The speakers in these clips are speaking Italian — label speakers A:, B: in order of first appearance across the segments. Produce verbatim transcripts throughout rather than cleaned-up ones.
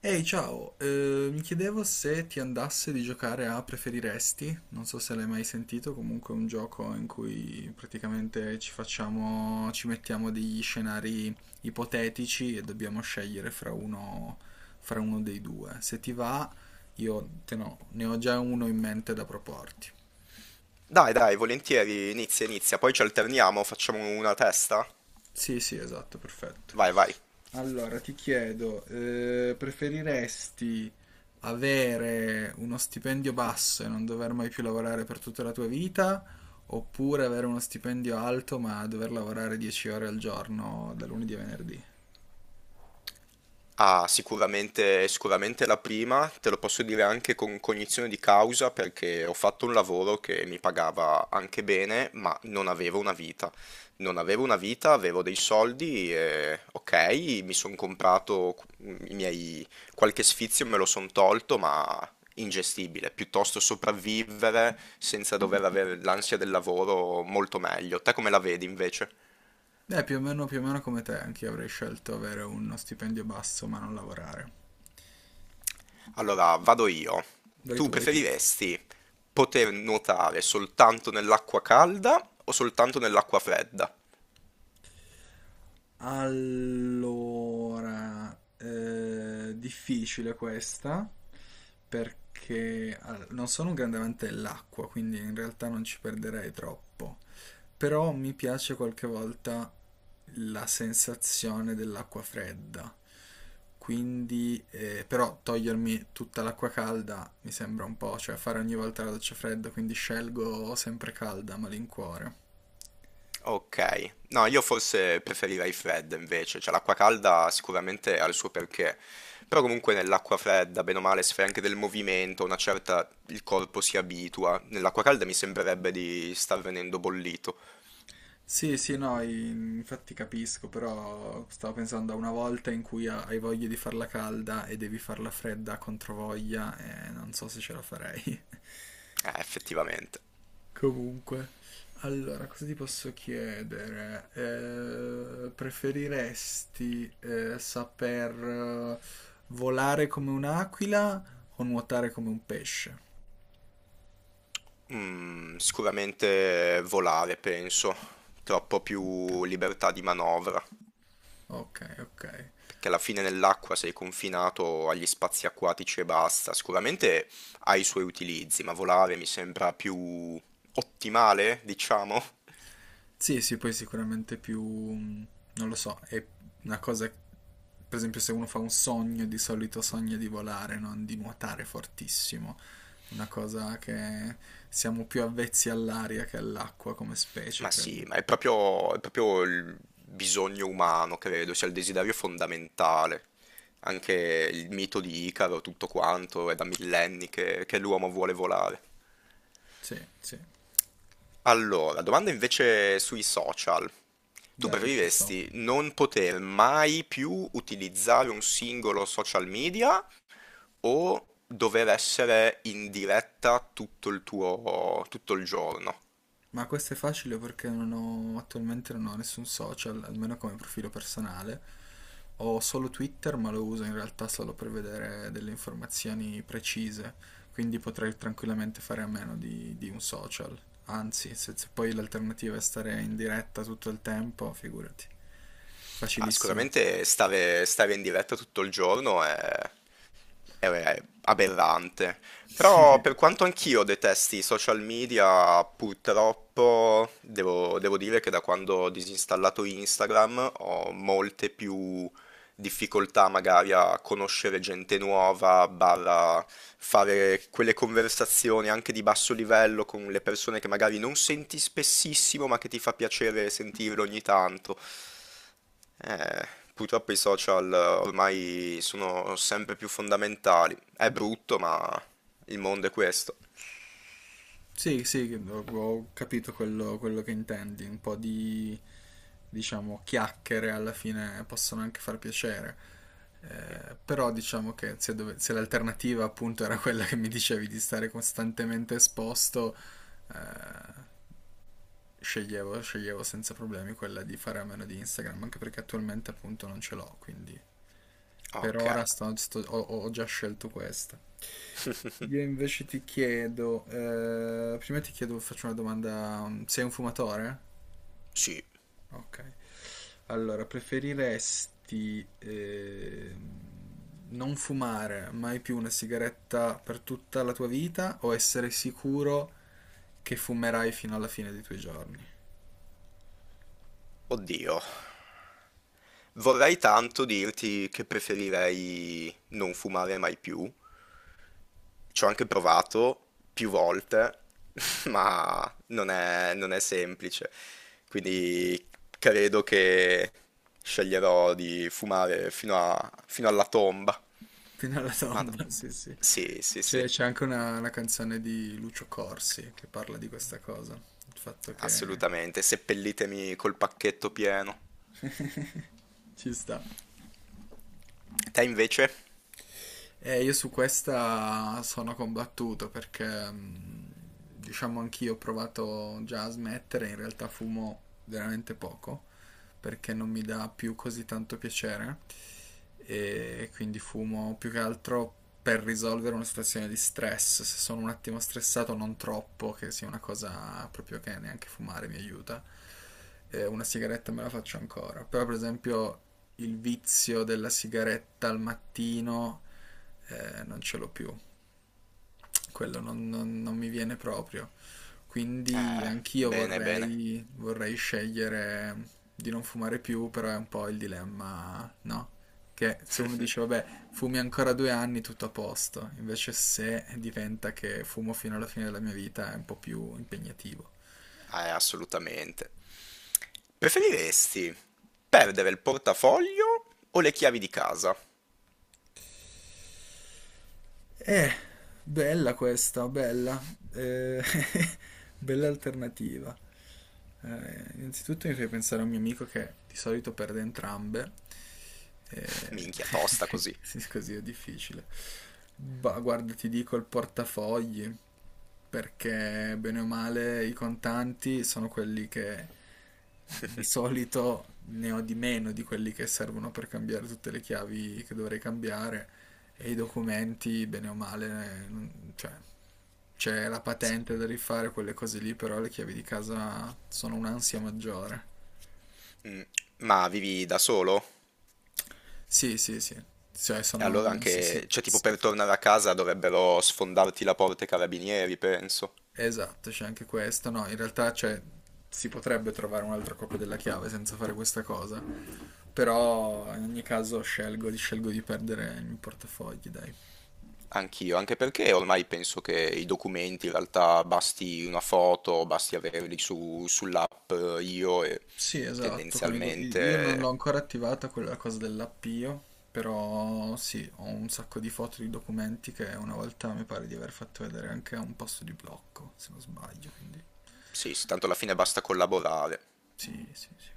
A: Ehi, ciao, eh, mi chiedevo se ti andasse di giocare a Preferiresti, non so se l'hai mai sentito, comunque è un gioco in cui praticamente ci facciamo, ci mettiamo degli scenari ipotetici e dobbiamo scegliere fra uno, fra uno dei due. Se ti va, io te no, ne ho già uno in mente da proporti.
B: Dai, dai, volentieri, inizia, inizia, poi ci alterniamo, facciamo una testa.
A: Sì, sì, esatto, perfetto.
B: Vai, vai.
A: Allora, ti chiedo, eh, preferiresti avere uno stipendio basso e non dover mai più lavorare per tutta la tua vita, oppure avere uno stipendio alto ma dover lavorare dieci ore al giorno da lunedì a venerdì?
B: Ah, sicuramente, sicuramente la prima, te lo posso dire anche con cognizione di causa perché ho fatto un lavoro che mi pagava anche bene, ma non avevo una vita. Non avevo una vita, avevo dei soldi e ok, mi sono comprato qu- i miei qualche sfizio me lo sono tolto, ma ingestibile, piuttosto sopravvivere senza dover avere l'ansia del lavoro molto meglio. Te come la vedi invece?
A: Eh, più o meno, più o meno come te, anche io avrei scelto avere uno stipendio basso ma non lavorare.
B: Allora, vado io.
A: Vai
B: Tu
A: tu, vai tu.
B: preferiresti poter nuotare soltanto nell'acqua calda o soltanto nell'acqua fredda?
A: Allora, eh, difficile questa perché all- non sono un grande amante dell'acqua, quindi in realtà non ci perderei troppo. Però mi piace qualche volta la sensazione dell'acqua fredda. Quindi, eh, però togliermi tutta l'acqua calda mi sembra un po', cioè fare ogni volta la doccia fredda, quindi scelgo sempre calda a malincuore.
B: Ok, no, io forse preferirei fredda invece, cioè l'acqua calda sicuramente ha il suo perché, però comunque nell'acqua fredda, bene o male, se fai anche del movimento, una certa, il corpo si abitua, nell'acqua calda mi sembrerebbe di star venendo bollito.
A: Sì, sì, no, in- infatti capisco, però stavo pensando a una volta in cui ha- hai voglia di farla calda e devi farla fredda contro voglia, e non so se ce la farei.
B: Eh, effettivamente.
A: Comunque, allora, cosa ti posso chiedere? Eh, preferiresti eh, saper eh, volare come un'aquila o nuotare come un pesce?
B: Mm, sicuramente volare, penso, troppo più libertà di manovra.
A: Ok, ok. Ok.
B: Perché alla fine nell'acqua sei confinato agli spazi acquatici e basta. Sicuramente ha i suoi utilizzi, ma volare mi sembra più ottimale, diciamo.
A: Sì, sì, poi sicuramente più, mh, non lo so, è una cosa, per esempio se uno fa un sogno, di solito sogna di volare, non di nuotare fortissimo, una cosa che siamo più avvezzi all'aria che all'acqua come specie,
B: Ma sì,
A: credo.
B: ma è proprio, è proprio il bisogno umano, credo, sia il desiderio fondamentale. Anche il mito di Icaro, tutto quanto, è da millenni che che l'uomo vuole volare.
A: Sì, sì,
B: Allora, domanda invece sui social. Tu
A: dai, ci sto.
B: preferiresti non poter mai più utilizzare un singolo social media o dover essere in diretta tutto il tuo, tutto il giorno?
A: Ma questo è facile perché non ho, attualmente non ho nessun social, almeno come profilo personale. Ho solo Twitter, ma lo uso in realtà solo per vedere delle informazioni precise, quindi potrei tranquillamente fare a meno di, di un social. Anzi, se, se poi l'alternativa è stare in diretta tutto il tempo, figurati.
B: Ah,
A: Facilissima.
B: sicuramente stare, stare in diretta tutto il giorno è è, è aberrante. Però per quanto anch'io detesti i social media, purtroppo devo, devo dire che da quando ho disinstallato Instagram ho molte più difficoltà magari a conoscere gente nuova, barra fare quelle conversazioni anche di basso livello con le persone che magari non senti spessissimo, ma che ti fa piacere sentirle ogni tanto. Eh, Purtroppo i social ormai sono sempre più fondamentali. È brutto, ma il mondo è questo.
A: Sì, sì, ho ho capito quello, quello che intendi, un po' di, diciamo, chiacchiere alla fine possono anche far piacere. Eh, però diciamo che se, dove- se l'alternativa appunto era quella che mi dicevi di stare costantemente esposto, eh, sceglievo, sceglievo senza problemi quella di fare a meno di Instagram, anche perché attualmente appunto non ce l'ho, quindi per
B: Ok,
A: ora sto- sto- ho, ho già scelto questa. Io invece ti chiedo, eh, prima ti chiedo, faccio una domanda, mm, sei un fumatore?
B: sì,
A: Ok. Allora, preferiresti eh, non fumare mai più una sigaretta per tutta la tua vita o essere sicuro che fumerai fino alla fine dei tuoi giorni?
B: oddio. Vorrei tanto dirti che preferirei non fumare mai più, ci ho anche provato più volte, ma non è, non è semplice. Quindi credo che sceglierò di fumare fino a- fino alla tomba.
A: Fino alla
B: Madò.
A: tomba, sì, sì.
B: Sì, sì,
A: C'è
B: sì,
A: c'è anche una, una canzone di Lucio Corsi che parla di questa cosa, il fatto che
B: assolutamente. Seppellitemi col pacchetto pieno.
A: ci sta.
B: Te invece?
A: Eh, io su questa sono combattuto perché, mh, diciamo, anch'io ho provato già a smettere, in realtà fumo veramente poco perché non mi dà più così tanto piacere e quindi fumo più che altro per risolvere una situazione di stress, se sono un attimo stressato non troppo, che sia una cosa proprio che neanche fumare mi aiuta. Eh, una sigaretta me la faccio ancora, però per esempio il vizio della sigaretta al mattino eh, non ce l'ho più, quello non, non- non mi viene proprio. Quindi
B: Eh,
A: anch'io
B: bene, bene.
A: vorrei, vorrei scegliere di non fumare più, però è un po' il dilemma, no? Che se uno dice, vabbè, fumi ancora due anni, tutto a posto, invece se diventa che fumo fino alla fine della mia vita è un po' più impegnativo.
B: Eh, assolutamente. Preferiresti perdere il portafoglio o le chiavi di casa?
A: Eh, bella questa, bella. Eh, bella alternativa. Eh, innanzitutto mi fai pensare a un mio amico che di solito perde entrambe. Eh,
B: Minchia, tosta così.
A: sì, così è difficile. Ma guarda, ti dico il portafogli, perché bene o male i contanti sono quelli che di solito ne ho di meno di quelli che servono per cambiare tutte le chiavi che dovrei cambiare e i documenti, bene o male, eh, non- cioè, c'è la patente da rifare, quelle cose lì, però le chiavi di casa sono un'ansia maggiore.
B: Mm, ma vivi da solo?
A: Sì, sì, sì, cioè
B: E allora
A: sono... Sì, sì,
B: anche, cioè tipo
A: sì.
B: per tornare a casa dovrebbero sfondarti la porta i carabinieri, penso.
A: Esatto, c'è anche questo. No, in realtà cioè, si potrebbe trovare un'altra copia della chiave senza fare questa cosa, però in ogni caso scelgo, scelgo di perdere i miei portafogli, dai.
B: Anch'io, anche perché ormai penso che i documenti in realtà basti una foto, basti averli su- sull'app eh, io e
A: Sì, esatto, con i do- i- io non l'ho
B: tendenzialmente
A: ancora attivata quella cosa dell'appio, però sì, ho un sacco di foto di documenti che una volta mi pare di aver fatto vedere anche a un posto di blocco, se non sbaglio, quindi
B: sì, sì, tanto alla fine basta collaborare.
A: sì, sì, sì.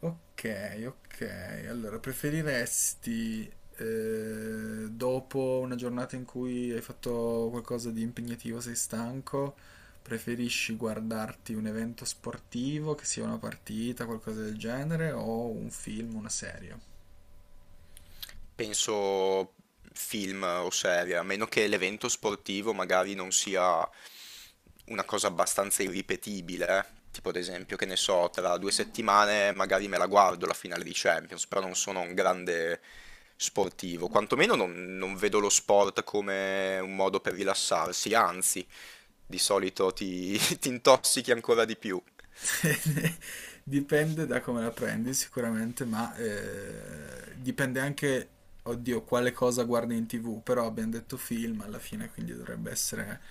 A: Ok, ok. Allora, preferiresti eh, dopo una giornata in cui hai fatto qualcosa di impegnativo, sei stanco, preferisci guardarti un evento sportivo, che sia una partita, qualcosa del genere, o un film, una serie?
B: Penso film o serie, a meno che l'evento sportivo magari non sia una cosa abbastanza irripetibile, eh. Tipo ad esempio, che ne so, tra due settimane magari me la guardo la finale di Champions, però non sono un grande sportivo, quantomeno non, non vedo lo sport come un modo per rilassarsi, anzi, di solito ti, ti intossichi ancora di più.
A: Dipende da come la prendi sicuramente, ma eh, dipende anche, oddio, quale cosa guardi in T V, però abbiamo detto film alla fine, quindi dovrebbe essere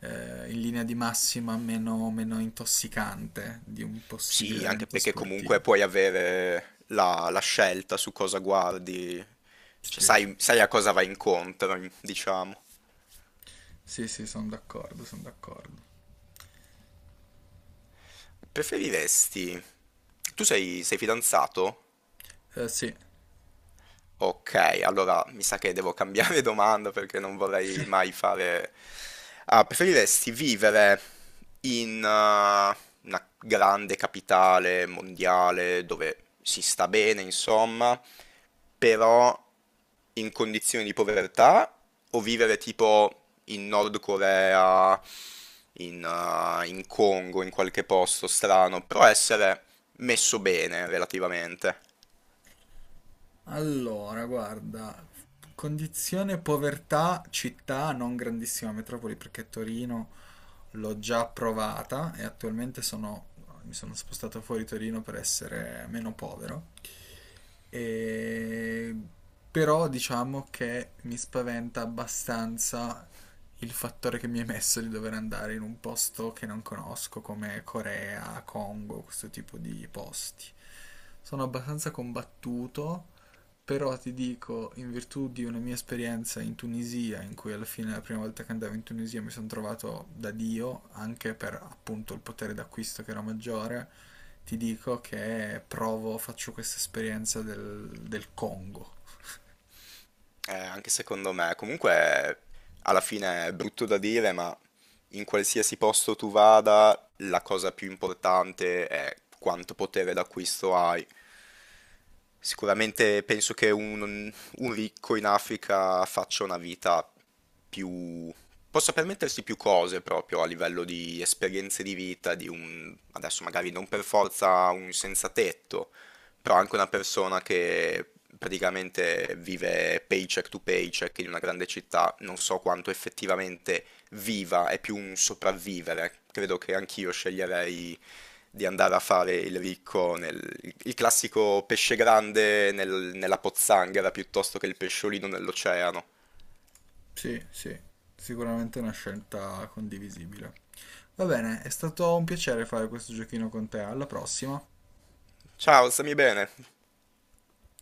A: eh, in linea di massima meno, meno intossicante di un possibile
B: Sì, anche
A: evento
B: perché comunque
A: sportivo.
B: puoi avere la, la scelta su cosa guardi, cioè
A: Sì,
B: sai, sai a cosa vai incontro, diciamo.
A: sì, sì, sono d'accordo, sono d'accordo.
B: Preferiresti... Tu sei, sei fidanzato?
A: Eh, sì.
B: Ok, allora mi sa che devo cambiare domanda perché non vorrei mai fare... Ah, preferiresti vivere in eh, una grande capitale mondiale dove si sta bene, insomma, però in condizioni di povertà o vivere tipo in Nord Corea, in, eh, in Congo, in qualche posto strano, però essere messo bene relativamente?
A: Allora, guarda, condizione povertà, città, non grandissima metropoli perché Torino l'ho già provata e attualmente sono, mi sono spostato fuori Torino per essere meno povero. E... Però diciamo che mi spaventa abbastanza il fattore che mi è messo di dover andare in un posto che non conosco, come Corea, Congo, questo tipo di posti. Sono abbastanza combattuto però ti dico, in virtù di una mia esperienza in Tunisia, in cui alla fine la prima volta che andavo in Tunisia mi sono trovato da Dio, anche per appunto il potere d'acquisto che era maggiore, ti dico che provo, faccio questa esperienza del, del Congo.
B: Eh, anche secondo me, comunque alla fine è brutto da dire, ma in qualsiasi posto tu vada, la cosa più importante è quanto potere d'acquisto hai. Sicuramente penso che un, un ricco in Africa faccia una vita più... possa permettersi più cose proprio a livello di esperienze di vita, di un... adesso magari non per forza un senza tetto, però anche una persona che praticamente vive paycheck to paycheck in una grande città, non so quanto effettivamente viva, è più un sopravvivere. Credo che anch'io sceglierei di andare a fare il ricco, nel, il classico pesce grande nel- nella pozzanghera piuttosto che il pesciolino nell'oceano.
A: Sì, sì, sicuramente è una scelta condivisibile. Va bene, è stato un piacere fare questo giochino con te, alla prossima.
B: Ciao, stammi bene?